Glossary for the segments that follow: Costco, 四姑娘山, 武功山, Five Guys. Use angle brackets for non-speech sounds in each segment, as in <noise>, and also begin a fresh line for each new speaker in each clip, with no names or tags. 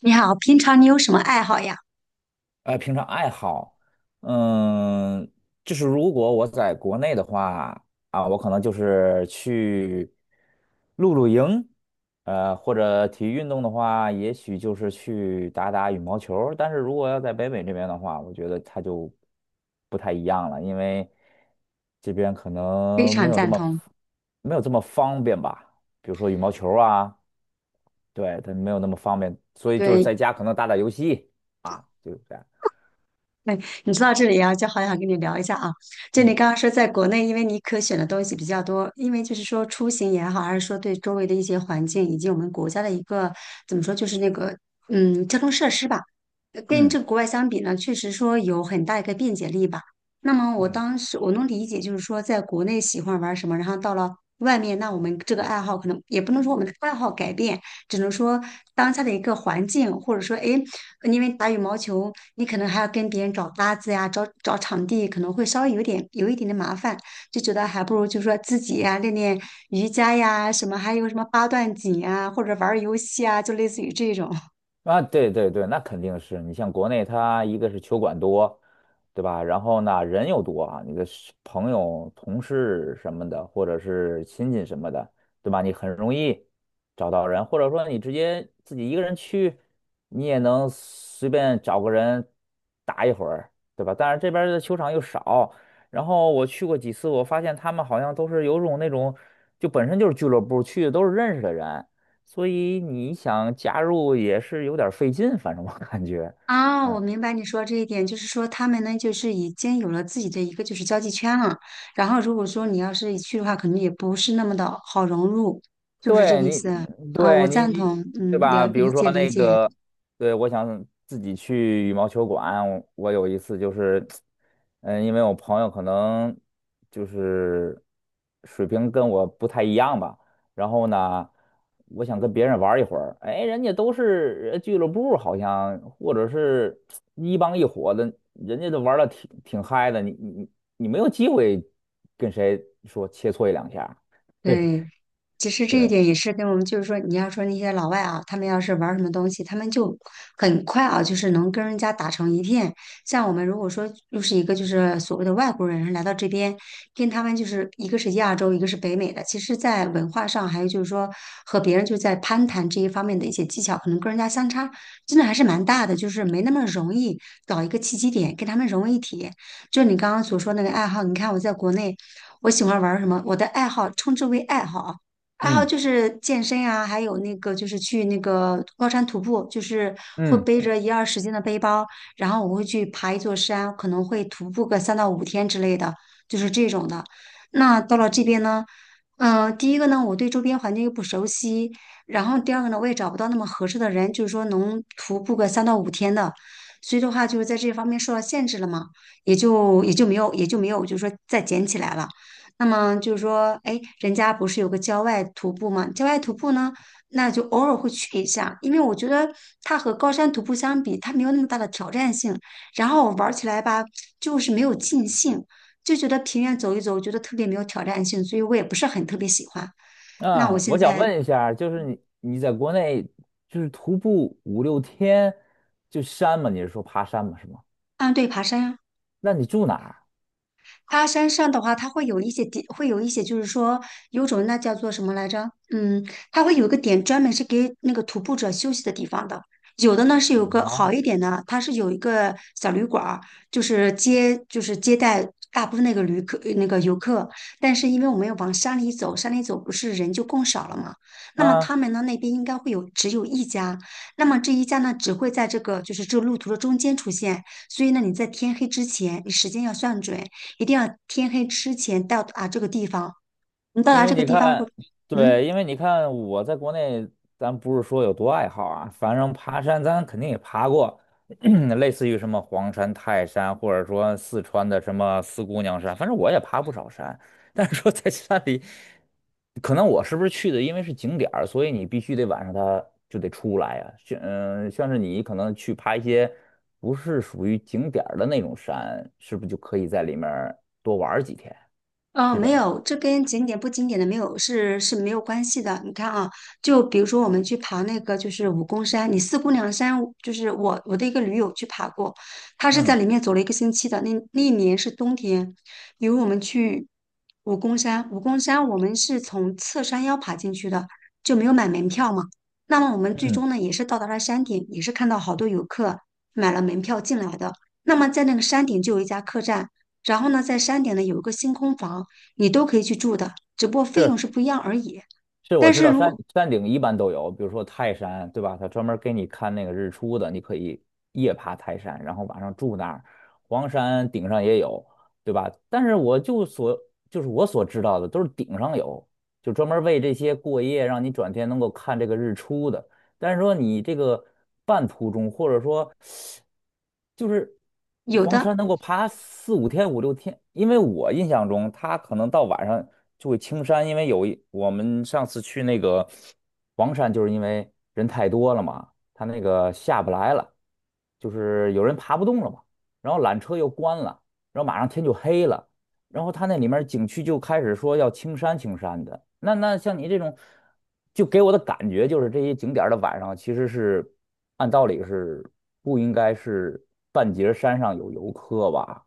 你好，平常你有什么爱好呀？
平常爱好，嗯，就是如果我在国内的话，我可能就是去露营，或者体育运动的话，也许就是去打打羽毛球儿。但是如果要在北美这边的话，我觉得它就不太一样了，因为这边可
非
能没
常
有这
赞
么
同。
方便吧，比如说羽毛球儿啊，对，它没有那么方便，所以就是
对，
在家可能打打游戏啊，就是这样。
哎，你说到这里啊，就好想跟你聊一下啊。就你
嗯。
刚刚说，在国内，因为你可选的东西比较多，因为就是说出行也好，还是说对周围的一些环境，以及我们国家的一个怎么说，就是那个交通设施吧，跟
嗯
这个国外相比呢，确实说有很大一个便捷力吧。那么我
嗯。
当时我能理解，就是说在国内喜欢玩什么，然后到了外面，那我们这个爱好可能也不能说我们的爱好改变，只能说当下的一个环境，或者说哎因为打羽毛球，你可能还要跟别人找搭子呀，找找场地，可能会稍微有一点点麻烦，就觉得还不如就说自己呀练练瑜伽呀，什么还有什么八段锦啊，或者玩儿游戏啊，就类似于这种。<laughs>
啊，对对对，那肯定是你像国内，它一个是球馆多，对吧？然后呢，人又多啊，你的是朋友、同事什么的，或者是亲戚什么的，对吧？你很容易找到人，或者说你直接自己一个人去，你也能随便找个人打一会儿，对吧？但是这边儿的球场又少，然后我去过几次，我发现他们好像都是有种那种，就本身就是俱乐部去的都是认识的人。所以你想加入也是有点儿费劲，反正我感觉，
啊，
嗯。
我明白你说这一点，就是说他们呢，就是已经有了自己的一个就是交际圈了，然后如果说你要是一去的话，可能也不是那么的好融入，是不是这
对
个意
你，
思啊，啊我
对你，
赞同，
对
嗯，
吧？比
理
如
解
说
理
那
解。
个，对，我想自己去羽毛球馆。我有一次就是，因为我朋友可能就是水平跟我不太一样吧，然后呢，我想跟别人玩儿一会儿，哎，人家都是俱乐部，好像或者是一帮一伙的，人家都玩的挺嗨的，你没有机会跟谁说切磋一两下儿。 <laughs> 对
对，其实这一
对，
点也是跟我们，就是说，你要说那些老外啊，他们要是玩儿什么东西，他们就很快啊，就是能跟人家打成一片。像我们如果说又是一个就是所谓的外国人来到这边，跟他们就是一个是亚洲，一个是北美的，其实，在文化上还有就是说和别人就在攀谈这一方面的一些技巧，可能跟人家相差真的还是蛮大的，就是没那么容易找一个契机点跟他们融为一体。就你刚刚所说那个爱好，你看我在国内。我喜欢玩儿什么？我的爱好称之为爱好啊，爱好
嗯。
就是健身啊，还有那个就是去那个高山徒步，就是会
嗯。
背着一二十斤的背包，然后我会去爬一座山，可能会徒步个三到五天之类的，就是这种的。那到了这边呢，第一个呢，我对周边环境又不熟悉，然后第二个呢，我也找不到那么合适的人，就是说能徒步个三到五天的，所以的话就是在这方面受到限制了嘛。也就没有，就是说再捡起来了。那么就是说，哎，人家不是有个郊外徒步吗？郊外徒步呢，那就偶尔会去一下，因为我觉得它和高山徒步相比，它没有那么大的挑战性，然后我玩起来吧，就是没有尽兴，就觉得平原走一走，我觉得特别没有挑战性，所以我也不是很特别喜欢。那我
啊，
现
我想
在，
问一下，就是你在国内就是徒步五六天就山嘛？你是说爬山嘛？是吗？
啊，对，爬山呀。
那你住哪儿？
它山上的话，它会有一些点，会有一些就是说有种那叫做什么来着？嗯，它会有一个点专门是给那个徒步者休息的地方的。有的呢是有个
啊，
好一点的，它是有一个小旅馆儿，就是接待大部分那个旅客那个游客。但是因为我们要往山里走，山里走不是人就更少了嘛？那么
啊，
他们呢那边应该会有只有一家，那么这一家呢只会在这个就是这个路途的中间出现，所以呢你在天黑之前，你时间要算准。一定要天黑之前到达这个地方。你到
因
达
为
这个
你
地方过，
看，
嗯。
对，因为你看我在国内，咱不是说有多爱好啊，反正爬山咱肯定也爬过，<clears throat> 类似于什么黄山、泰山，或者说四川的什么四姑娘山，反正我也爬不少山。<laughs> 但是说在山里，可能我是不是去的，因为是景点儿，所以你必须得晚上它就得出来呀、像是你可能去爬一些不是属于景点儿的那种山，是不是就可以在里面儿多玩儿几天？
哦，
是这
没
样。
有，这跟景点不景点的没有是没有关系的。你看啊，就比如说我们去爬那个就是武功山，你四姑娘山，就是我的一个驴友去爬过，他是在
嗯
里面走了一个星期的。那那一年是冬天，比如我们去武功山，武功山我们是从侧山腰爬进去的，就没有买门票嘛。那么我们最
嗯，
终呢也是到达了山顶，也是看到好多游客买了门票进来的。那么在那个山顶就有一家客栈。然后呢，在山顶呢有一个星空房，你都可以去住的，只不过费
是。
用是不一样而已。
是我
但
知
是
道山
如
山顶一般都有，比如说泰山，对吧？他专门给你看那个日出的，你可以夜爬泰山，然后晚上住那儿。黄山顶上也有，对吧？但是我就所就是我所知道的都是顶上有，就专门为这些过夜，让你转天能够看这个日出的。但是说你这个半途中，或者说就是
有
黄
的
山能够爬四五天、五六天，因为我印象中它可能到晚上就会青山，因为我们上次去那个黄山，就是因为人太多了嘛，它那个下不来了，就是有人爬不动了嘛，然后缆车又关了，然后马上天就黑了。然后他那里面景区就开始说要青山青山的。那像你这种，就给我的感觉就是这些景点儿的晚上其实是按道理是不应该是半截儿山上有游客吧？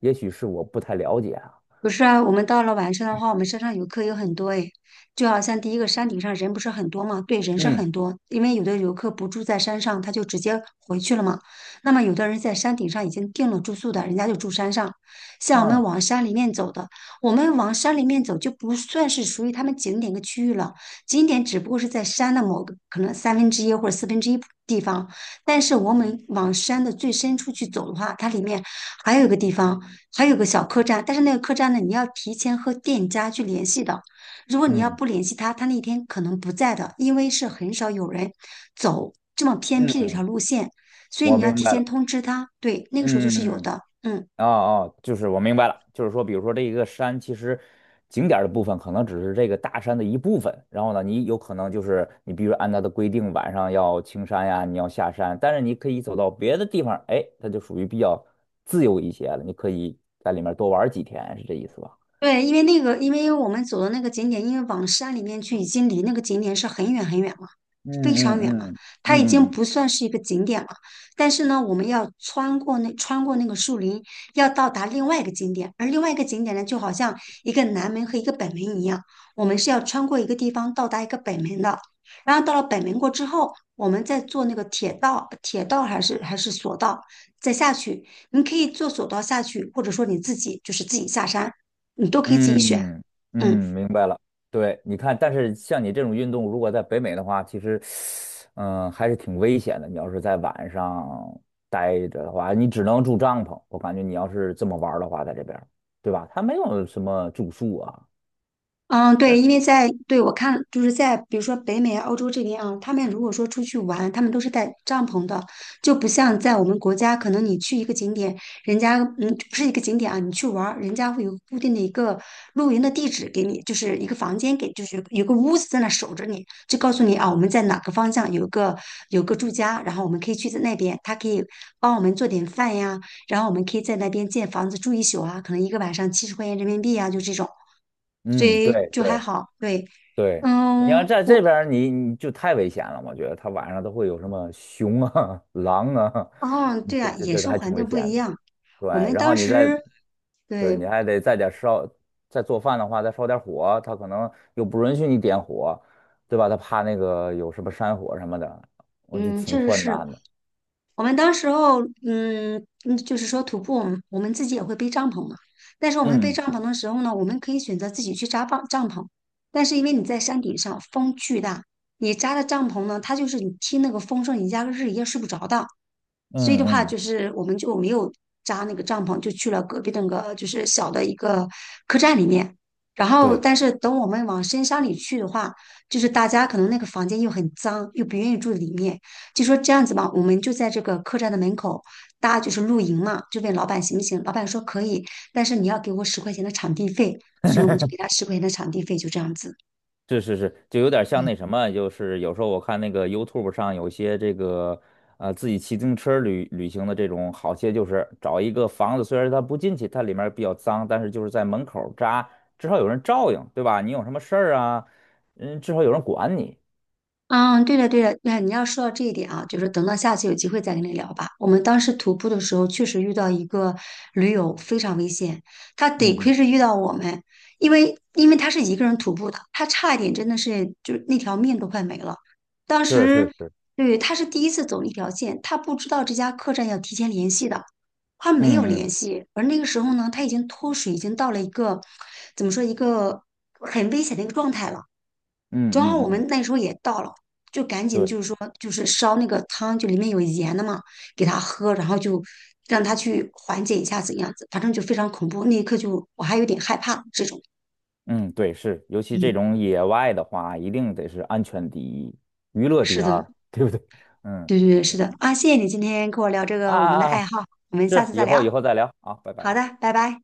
也许是我不太了解啊。
不是啊，我们到了晚上的话，我们山上游客有很多诶，就好像第一个山顶上人不是很多嘛，对，人是
嗯
很多，因为有的游客不住在山上，他就直接回去了嘛。那么有的人在山顶上已经订了住宿的，人家就住山上。像我们
嗯
往山里面走的，我们往山里面走就不算是属于他们景点的区域了，景点只不过是在山的某个可能三分之一或者四分之一地方，但是我们往山的最深处去走的话，它里面还有一个地方。还有个小客栈，但是那个客栈呢，你要提前和店家去联系的。如果你要
嗯
不联系他，他那天可能不在的，因为是很少有人走这么偏僻的一条
嗯，
路线，所以
我
你要
明
提
白
前
了。
通知他。对，那个时候就
嗯
是
嗯。
有
嗯。
的，嗯。
哦哦，就是我明白了，就是说，比如说这一个山，其实景点儿的部分可能只是这个大山的一部分，然后呢，你有可能就是你必须按它的规定，晚上要青山呀，你要下山，但是你可以走到别的地方，哎，它就属于比较自由一些了，你可以在里面多玩儿几天，是这意思吧？
对，因为那个，因为我们走的那个景点，因为往山里面去，已经离那个景点是很远很远了，
嗯
非常远了。
嗯嗯
它已
嗯
经
嗯，嗯
不算是一个景点了。但是呢，我们要穿过那个树林，要到达另外一个景点。而另外一个景点呢，就好像一个南门和一个北门一样，我们是要穿过一个地方到达一个北门的。然后到了北门过之后，我们再坐那个铁道，铁道还是索道，再下去。你可以坐索道下去，或者说你自己就是自己下山。你都可以自己选。
嗯嗯，
嗯
明白了。对，你看，但是像你这种运动，如果在北美的话，其实，还是挺危险的。你要是在晚上待着的话，你只能住帐篷。我感觉你要是这么玩儿的话，在这边儿对吧？它没有什么住宿啊。
嗯，对，因为在对我看，就是在比如说北美、欧洲这边啊，他们如果说出去玩，他们都是带帐篷的，就不像在我们国家，可能你去一个景点，人家不是一个景点啊，你去玩儿，人家会有固定的一个露营的地址给你，就是一个房间给，就是有个屋子在那守着你，就告诉你啊，我们在哪个方向有个有个住家，然后我们可以去在那边，他可以帮我们做点饭呀。然后我们可以在那边建房子住一宿啊，可能一个晚上70块钱人民币啊，就这种，所
嗯，
以
对
就还
对
好。对，
对，你要
嗯，
在这
我
边儿你就太危险了。我觉得它晚上都会有什么熊啊、<laughs> 狼啊，
哦，
<laughs>
对
这
啊，
这
野
这
生
还挺
环
危
境不
险
一
的。
样。
对，
我们
然后
当
你再，
时，
对，
对，
你还得再点烧，再做饭的话，再烧点火，他可能又不允许你点火，对吧？他怕那个有什么山火什么的，我就
嗯，
挺
确实
困
是
难的。
我们当时候，嗯嗯，就是说徒步，我们自己也会背帐篷嘛。但是我们背
嗯
帐篷的时候呢，我们可以选择自己去帐篷，但是因为你在山顶上，风巨大。你扎的帐篷呢，它就是你听那个风声，你压根儿是一夜睡不着的。所以的
嗯
话，
嗯，
就是我们就没有扎那个帐篷，就去了隔壁的那个就是小的一个客栈里面。然后，
对。
但是等我们往深山里去的话，就是大家可能那个房间又很脏，又不愿意住里面，就说这样子吧，我们就在这个客栈的门口搭就是露营嘛，就问老板行不行？老板说可以，但是你要给我十块钱的场地费，所以我们就给他十块钱的场地费，就这样子。
是是是，就有点像那什么，就是有时候我看那个 YouTube 上有些这个自己骑自行车旅行的这种，好些就是找一个房子，虽然它不进去，它里面比较脏，但是就是在门口扎，至少有人照应，对吧？你有什么事儿啊，嗯，至少有人管你。
嗯，对的，对的，那你要说到这一点啊，就是等到下次有机会再跟你聊吧。我们当时徒步的时候，确实遇到一个驴友非常危险，他
嗯
得亏
嗯，
是遇到我们，因为他是一个人徒步的，他差一点真的是就是那条命都快没了。当
是是
时
是，
对他是第一次走那条线，他不知道这家客栈要提前联系的，他没有
嗯
联
嗯
系，而那个时候呢，他已经脱水，已经到了一个怎么说一个很危险的一个状态了。
嗯
正好
嗯
我
嗯，
们那时候也到了，就赶紧
对，
就是说就是烧那个汤，就里面有盐的嘛，给他喝，然后就让他去缓解一下怎样子，反正就非常恐怖。那一刻就我还有点害怕这种。
嗯对是，尤其这
嗯，
种野外的话，一定得是安全第一，娱乐第
是的，
二，对不对？嗯。
对对对，是
行。
的啊，谢谢你今天跟我聊这
啊
个我们的
啊
爱
啊！
好，我们下
是，
次再
以后
聊。
以后再聊啊，拜
好
拜。
的，拜拜。